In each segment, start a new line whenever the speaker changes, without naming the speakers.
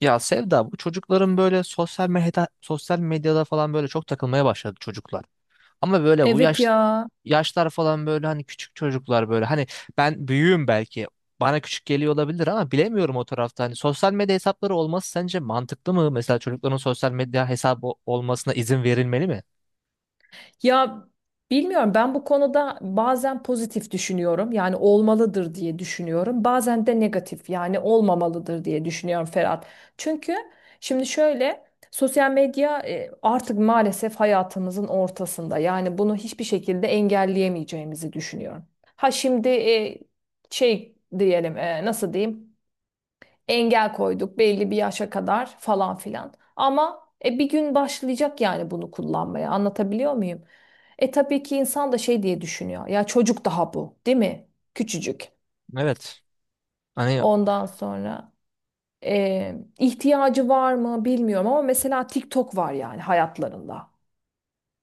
Ya Sevda, bu çocukların böyle sosyal medyada falan böyle çok takılmaya başladı çocuklar. Ama böyle bu
Evet
yaş
ya.
yaşlar falan böyle hani küçük çocuklar böyle hani ben büyüğüm, belki bana küçük geliyor olabilir ama bilemiyorum o tarafta. Hani sosyal medya hesapları olması sence mantıklı mı? Mesela çocukların sosyal medya hesabı olmasına izin verilmeli mi?
Ya bilmiyorum, ben bu konuda bazen pozitif düşünüyorum. Yani olmalıdır diye düşünüyorum. Bazen de negatif, yani olmamalıdır diye düşünüyorum Ferhat. Çünkü şimdi şöyle, sosyal medya artık maalesef hayatımızın ortasında. Yani bunu hiçbir şekilde engelleyemeyeceğimizi düşünüyorum. Ha şimdi şey diyelim, nasıl diyeyim? Engel koyduk belli bir yaşa kadar falan filan. Ama bir gün başlayacak yani bunu kullanmaya. Anlatabiliyor muyum? Tabii ki insan da şey diye düşünüyor. Ya çocuk daha bu, değil mi? Küçücük.
Evet. Hani
Ondan sonra ihtiyacı var mı bilmiyorum, ama mesela TikTok var yani hayatlarında.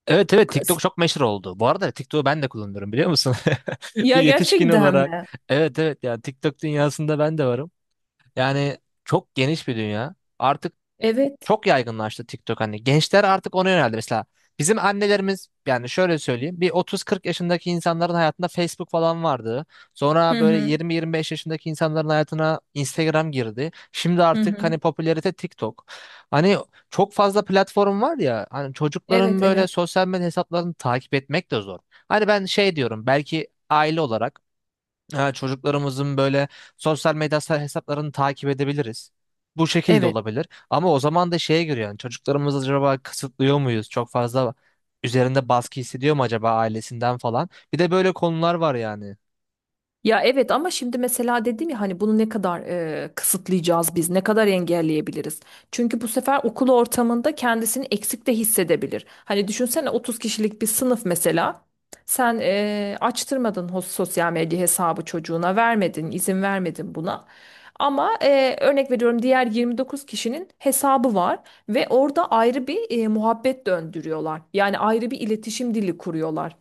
evet, evet, TikTok çok meşhur oldu. Bu arada TikTok'u ben de kullanıyorum, biliyor musun? Bir
Ya
yetişkin
gerçekten
olarak.
mi?
Evet evet, yani TikTok dünyasında ben de varım. Yani çok geniş bir dünya. Artık
Evet.
çok yaygınlaştı TikTok hani. Gençler artık ona yöneldi. Mesela bizim annelerimiz, yani şöyle söyleyeyim, bir 30-40 yaşındaki insanların hayatında Facebook falan vardı. Sonra
Hı
böyle
hı.
20-25 yaşındaki insanların hayatına Instagram girdi. Şimdi
Hı
artık hani
hı.
popülerite TikTok. Hani çok fazla platform var ya, hani çocukların
Evet,
böyle
evet.
sosyal medya hesaplarını takip etmek de zor. Hani ben şey diyorum, belki aile olarak, ha, çocuklarımızın böyle sosyal medya hesaplarını takip edebiliriz. Bu şekilde
Evet.
olabilir. Ama o zaman da şeye göre, yani çocuklarımızı acaba kısıtlıyor muyuz? Çok fazla üzerinde baskı hissediyor mu acaba ailesinden falan? Bir de böyle konular var yani.
Ya evet, ama şimdi mesela dedim ya, hani bunu ne kadar kısıtlayacağız biz, ne kadar engelleyebiliriz? Çünkü bu sefer okul ortamında kendisini eksik de hissedebilir. Hani düşünsene, 30 kişilik bir sınıf mesela. Sen açtırmadın sosyal medya hesabı çocuğuna, vermedin, izin vermedin buna. Ama örnek veriyorum, diğer 29 kişinin hesabı var ve orada ayrı bir muhabbet döndürüyorlar. Yani ayrı bir iletişim dili kuruyorlar.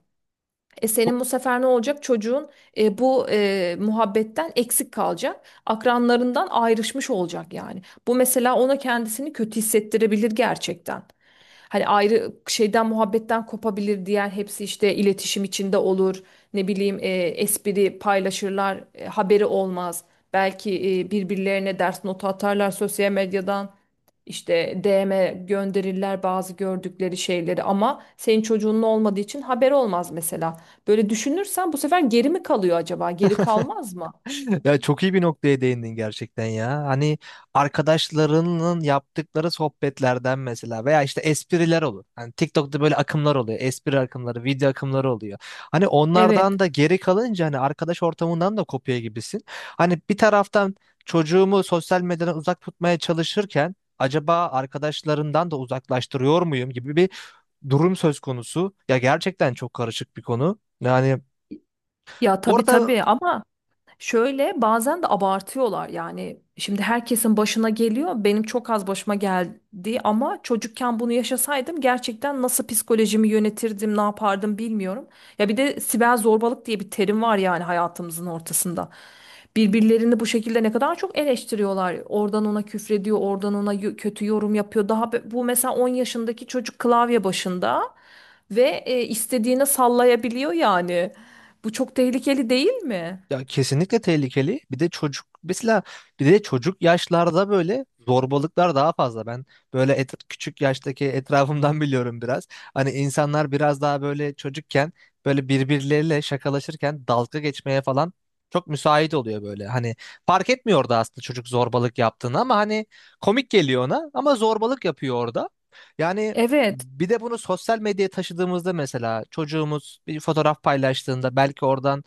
E senin bu sefer ne olacak? Çocuğun bu muhabbetten eksik kalacak. Akranlarından ayrışmış olacak yani. Bu mesela ona kendisini kötü hissettirebilir gerçekten. Hani ayrı şeyden, muhabbetten kopabilir. Diğer hepsi işte iletişim içinde olur. Ne bileyim, espri paylaşırlar. Haberi olmaz. Belki birbirlerine ders notu atarlar sosyal medyadan. İşte DM gönderirler bazı gördükleri şeyleri, ama senin çocuğunun olmadığı için haber olmaz mesela. Böyle düşünürsen bu sefer geri mi kalıyor acaba? Geri kalmaz mı?
Ya çok iyi bir noktaya değindin gerçekten ya. Hani arkadaşlarının yaptıkları sohbetlerden mesela, veya işte espriler olur. Hani TikTok'ta böyle akımlar oluyor. Espri akımları, video akımları oluyor. Hani onlardan
Evet.
da geri kalınca hani arkadaş ortamından da kopya gibisin. Hani bir taraftan çocuğumu sosyal medyadan uzak tutmaya çalışırken acaba arkadaşlarından da uzaklaştırıyor muyum gibi bir durum söz konusu. Ya gerçekten çok karışık bir konu. Yani
Ya tabii
orada.
tabii, ama şöyle, bazen de abartıyorlar. Yani şimdi herkesin başına geliyor, benim çok az başıma geldi, ama çocukken bunu yaşasaydım, gerçekten nasıl psikolojimi yönetirdim, ne yapardım bilmiyorum. Ya bir de siber zorbalık diye bir terim var yani hayatımızın ortasında. Birbirlerini bu şekilde ne kadar çok eleştiriyorlar. Oradan ona küfrediyor, oradan ona kötü yorum yapıyor. Bu mesela 10 yaşındaki çocuk klavye başında ve istediğine sallayabiliyor yani. Bu çok tehlikeli değil mi?
Ya kesinlikle tehlikeli. Bir de çocuk mesela, bir de çocuk yaşlarda böyle zorbalıklar daha fazla. Ben böyle küçük yaştaki etrafımdan biliyorum biraz. Hani insanlar biraz daha böyle çocukken böyle birbirleriyle şakalaşırken dalga geçmeye falan çok müsait oluyor böyle. Hani fark etmiyor orada aslında çocuk zorbalık yaptığını ama hani komik geliyor ona, ama zorbalık yapıyor orada. Yani
Evet,
bir de bunu sosyal medyaya taşıdığımızda mesela çocuğumuz bir fotoğraf paylaştığında, belki oradan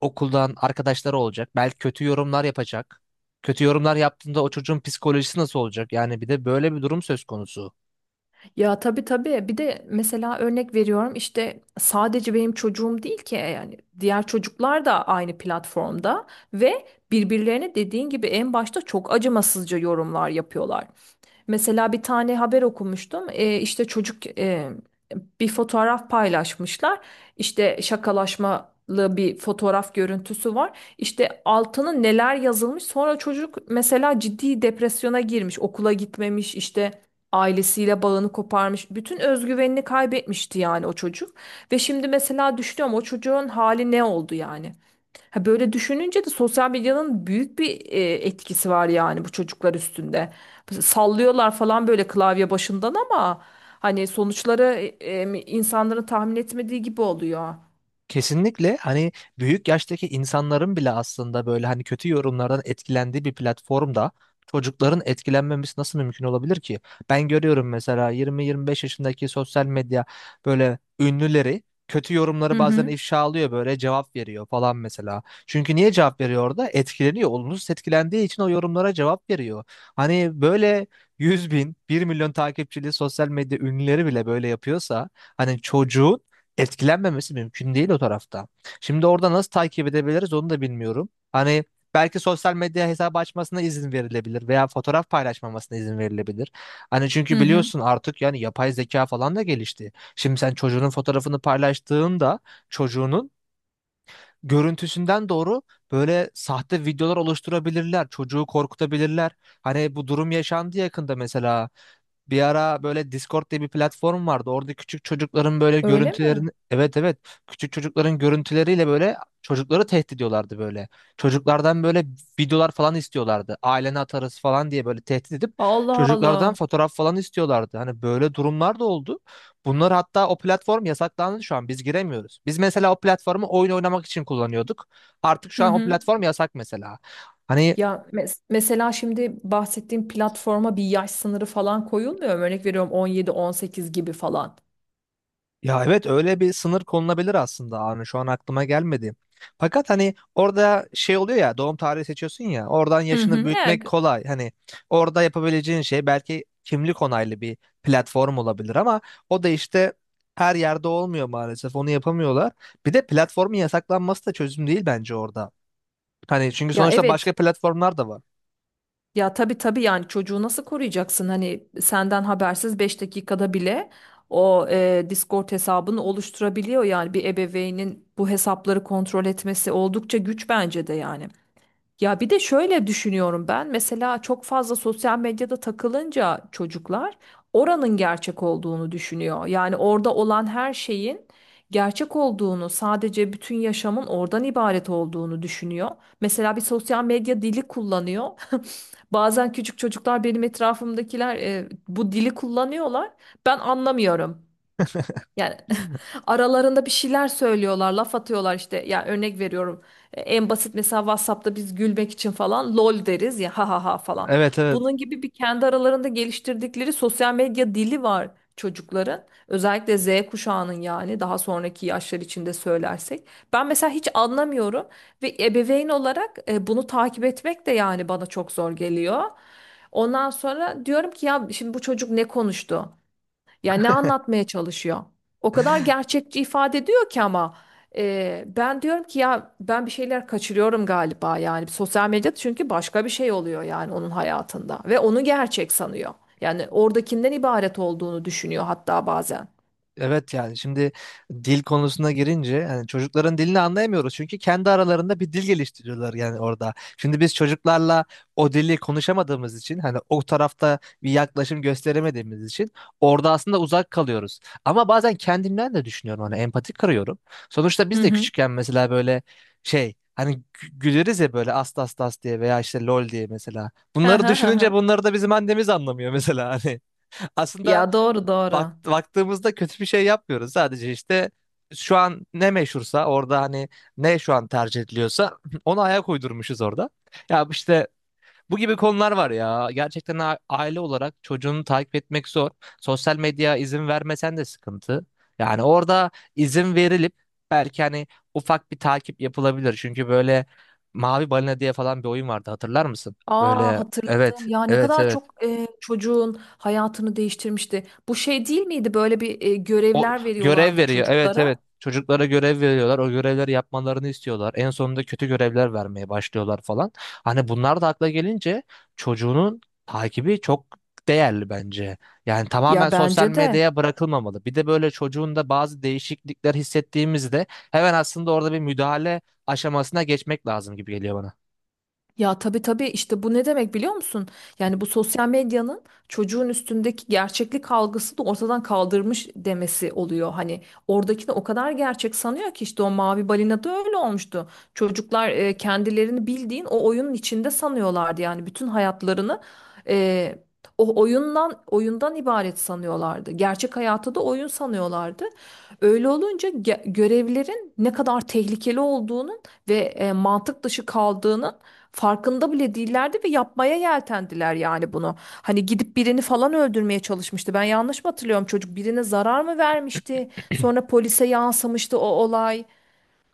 okuldan arkadaşları olacak. Belki kötü yorumlar yapacak. Kötü yorumlar yaptığında o çocuğun psikolojisi nasıl olacak? Yani bir de böyle bir durum söz konusu.
ya tabii tabii. Bir de mesela örnek veriyorum, işte sadece benim çocuğum değil ki yani diğer çocuklar da aynı platformda ve birbirlerine, dediğin gibi, en başta çok acımasızca yorumlar yapıyorlar. Mesela bir tane haber okumuştum. İşte çocuk, bir fotoğraf paylaşmışlar. İşte şakalaşmalı bir fotoğraf görüntüsü var. İşte altına neler yazılmış. Sonra çocuk mesela ciddi depresyona girmiş. Okula gitmemiş, işte ailesiyle bağını koparmış. Bütün özgüvenini kaybetmişti yani o çocuk. Ve şimdi mesela düşünüyorum, o çocuğun hali ne oldu yani? Ha, böyle düşününce de sosyal medyanın büyük bir etkisi var yani bu çocuklar üstünde. Sallıyorlar falan böyle klavye başından, ama hani sonuçları insanların tahmin etmediği gibi oluyor.
Kesinlikle hani büyük yaştaki insanların bile aslında böyle hani kötü yorumlardan etkilendiği bir platformda çocukların etkilenmemesi nasıl mümkün olabilir ki? Ben görüyorum mesela 20-25 yaşındaki sosyal medya böyle ünlüleri kötü
Hı
yorumları bazen
hı.
ifşa alıyor, böyle cevap veriyor falan mesela. Çünkü niye cevap veriyor orada? Etkileniyor. Olumsuz etkilendiği için o yorumlara cevap veriyor. Hani böyle 100 bin, bir milyon takipçili sosyal medya ünlüleri bile böyle yapıyorsa hani çocuğun etkilenmemesi mümkün değil o tarafta. Şimdi orada nasıl takip edebiliriz onu da bilmiyorum. Hani belki sosyal medya hesabı açmasına izin verilebilir veya fotoğraf paylaşmamasına izin verilebilir. Hani
Hı
çünkü
hı.
biliyorsun artık yani yapay zeka falan da gelişti. Şimdi sen çocuğunun fotoğrafını paylaştığında çocuğunun görüntüsünden doğru böyle sahte videolar oluşturabilirler. Çocuğu korkutabilirler. Hani bu durum yaşandı yakında mesela. Bir ara böyle Discord diye bir platform vardı. Orada küçük çocukların böyle
Öyle mi?
görüntülerini, evet evet, küçük çocukların görüntüleriyle böyle çocukları tehdit ediyorlardı böyle. Çocuklardan böyle videolar falan istiyorlardı. Ailene atarız falan diye böyle tehdit edip
Allah
çocuklardan
Allah.
fotoğraf falan istiyorlardı. Hani böyle durumlar da oldu. Bunlar hatta, o platform yasaklandı şu an. Biz giremiyoruz. Biz mesela o platformu oyun oynamak için kullanıyorduk. Artık
Hı
şu an o
hı.
platform yasak mesela. Hani
Ya mesela, şimdi bahsettiğim platforma bir yaş sınırı falan koyulmuyor mu? Örnek veriyorum, 17-18 gibi falan.
ya evet, öyle bir sınır konulabilir aslında Arne, şu an aklıma gelmedi. Fakat hani orada şey oluyor ya, doğum tarihi seçiyorsun ya, oradan
Hı hı.
yaşını
Ya,
büyütmek kolay. Hani orada yapabileceğin şey belki kimlik onaylı bir platform olabilir, ama o da işte her yerde olmuyor, maalesef onu yapamıyorlar. Bir de platformun yasaklanması da çözüm değil bence orada. Hani çünkü
ya
sonuçta
evet.
başka platformlar da var.
Ya tabii tabii, yani çocuğu nasıl koruyacaksın? Hani senden habersiz 5 dakikada bile o Discord hesabını oluşturabiliyor yani. Bir ebeveynin bu hesapları kontrol etmesi oldukça güç bence de yani. Ya bir de şöyle düşünüyorum ben. Mesela çok fazla sosyal medyada takılınca çocuklar oranın gerçek olduğunu düşünüyor. Yani orada olan her şeyin gerçek olduğunu, sadece bütün yaşamın oradan ibaret olduğunu düşünüyor. Mesela bir sosyal medya dili kullanıyor. Bazen küçük çocuklar, benim etrafımdakiler, bu dili kullanıyorlar. Ben anlamıyorum. Yani
Hmm.
aralarında bir şeyler söylüyorlar, laf atıyorlar işte. Ya örnek veriyorum. En basit, mesela WhatsApp'ta biz gülmek için falan lol deriz ya, ha ha ha falan.
Evet evet.
Bunun gibi bir kendi aralarında geliştirdikleri sosyal medya dili var çocukların. Özellikle Z kuşağının, yani daha sonraki yaşlar içinde söylersek. Ben mesela hiç anlamıyorum ve ebeveyn olarak bunu takip etmek de yani bana çok zor geliyor. Ondan sonra diyorum ki, ya şimdi bu çocuk ne konuştu? Ya ne anlatmaya çalışıyor? O kadar gerçekçi ifade ediyor ki, ama ben diyorum ki, ya ben bir şeyler kaçırıyorum galiba yani sosyal medyada, çünkü başka bir şey oluyor yani onun hayatında ve onu gerçek sanıyor. Yani oradakinden ibaret olduğunu düşünüyor hatta bazen.
Evet yani şimdi dil konusuna girince, yani çocukların dilini anlayamıyoruz çünkü kendi aralarında bir dil geliştiriyorlar yani orada. Şimdi biz çocuklarla o dili konuşamadığımız için, hani o tarafta bir yaklaşım gösteremediğimiz için orada aslında uzak kalıyoruz. Ama bazen kendimden de düşünüyorum, hani empati kırıyorum. Sonuçta
Hı
biz de
hı.
küçükken mesela böyle şey hani güleriz ya böyle, as tas tas diye veya işte lol diye mesela.
Hı
Bunları
hı hı
düşününce
hı.
bunları da bizim annemiz anlamıyor mesela hani. Aslında
Ya doğru
bak,
doğru.
baktığımızda kötü bir şey yapmıyoruz. Sadece işte şu an ne meşhursa orada, hani ne şu an tercih ediliyorsa ona ayak uydurmuşuz orada. Ya işte bu gibi konular var ya. Gerçekten aile olarak çocuğunu takip etmek zor. Sosyal medya izin vermesen de sıkıntı. Yani orada izin verilip belki hani ufak bir takip yapılabilir. Çünkü böyle Mavi Balina diye falan bir oyun vardı, hatırlar mısın?
Aa,
Böyle, evet
hatırladım. Ya ne
evet
kadar
evet.
çok çocuğun hayatını değiştirmişti. Bu şey değil miydi? Böyle bir
O
görevler
görev
veriyorlardı
veriyor. Evet evet.
çocuklara.
Çocuklara görev veriyorlar. O görevleri yapmalarını istiyorlar. En sonunda kötü görevler vermeye başlıyorlar falan. Hani bunlar da akla gelince çocuğunun takibi çok değerli bence. Yani tamamen
Ya
sosyal
bence de.
medyaya bırakılmamalı. Bir de böyle çocuğun da bazı değişiklikler hissettiğimizde hemen aslında orada bir müdahale aşamasına geçmek lazım gibi geliyor bana.
Ya tabii tabii, işte bu ne demek biliyor musun? Yani bu sosyal medyanın çocuğun üstündeki gerçeklik algısı da ortadan kaldırmış demesi oluyor. Hani oradakini o kadar gerçek sanıyor ki, işte o mavi balina da öyle olmuştu. Çocuklar kendilerini bildiğin o oyunun içinde sanıyorlardı. Yani bütün hayatlarını e, o oyundan ibaret sanıyorlardı. Gerçek hayatı da oyun sanıyorlardı. Öyle olunca görevlerin ne kadar tehlikeli olduğunun ve mantık dışı kaldığının farkında bile değillerdi ve yapmaya yeltendiler yani bunu. Hani gidip birini falan öldürmeye çalışmıştı. Ben yanlış mı hatırlıyorum? Çocuk birine zarar mı vermişti? Sonra polise yansımıştı o olay.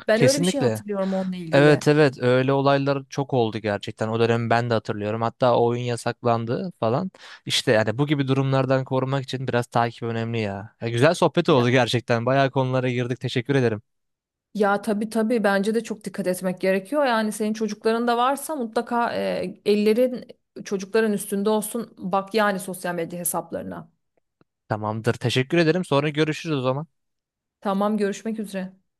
Ben öyle bir şey
Kesinlikle.
hatırlıyorum onunla ilgili.
Evet evet, öyle olaylar çok oldu gerçekten. O dönemi ben de hatırlıyorum. Hatta o oyun yasaklandı falan. İşte yani bu gibi durumlardan korumak için biraz takip önemli ya. Ya güzel sohbet
Ya,
oldu gerçekten. Bayağı konulara girdik. Teşekkür ederim.
ya tabii tabii, bence de çok dikkat etmek gerekiyor. Yani senin çocukların da varsa mutlaka ellerin çocukların üstünde olsun. Bak, yani sosyal medya hesaplarına.
Tamamdır. Teşekkür ederim. Sonra görüşürüz o zaman.
Tamam, görüşmek üzere.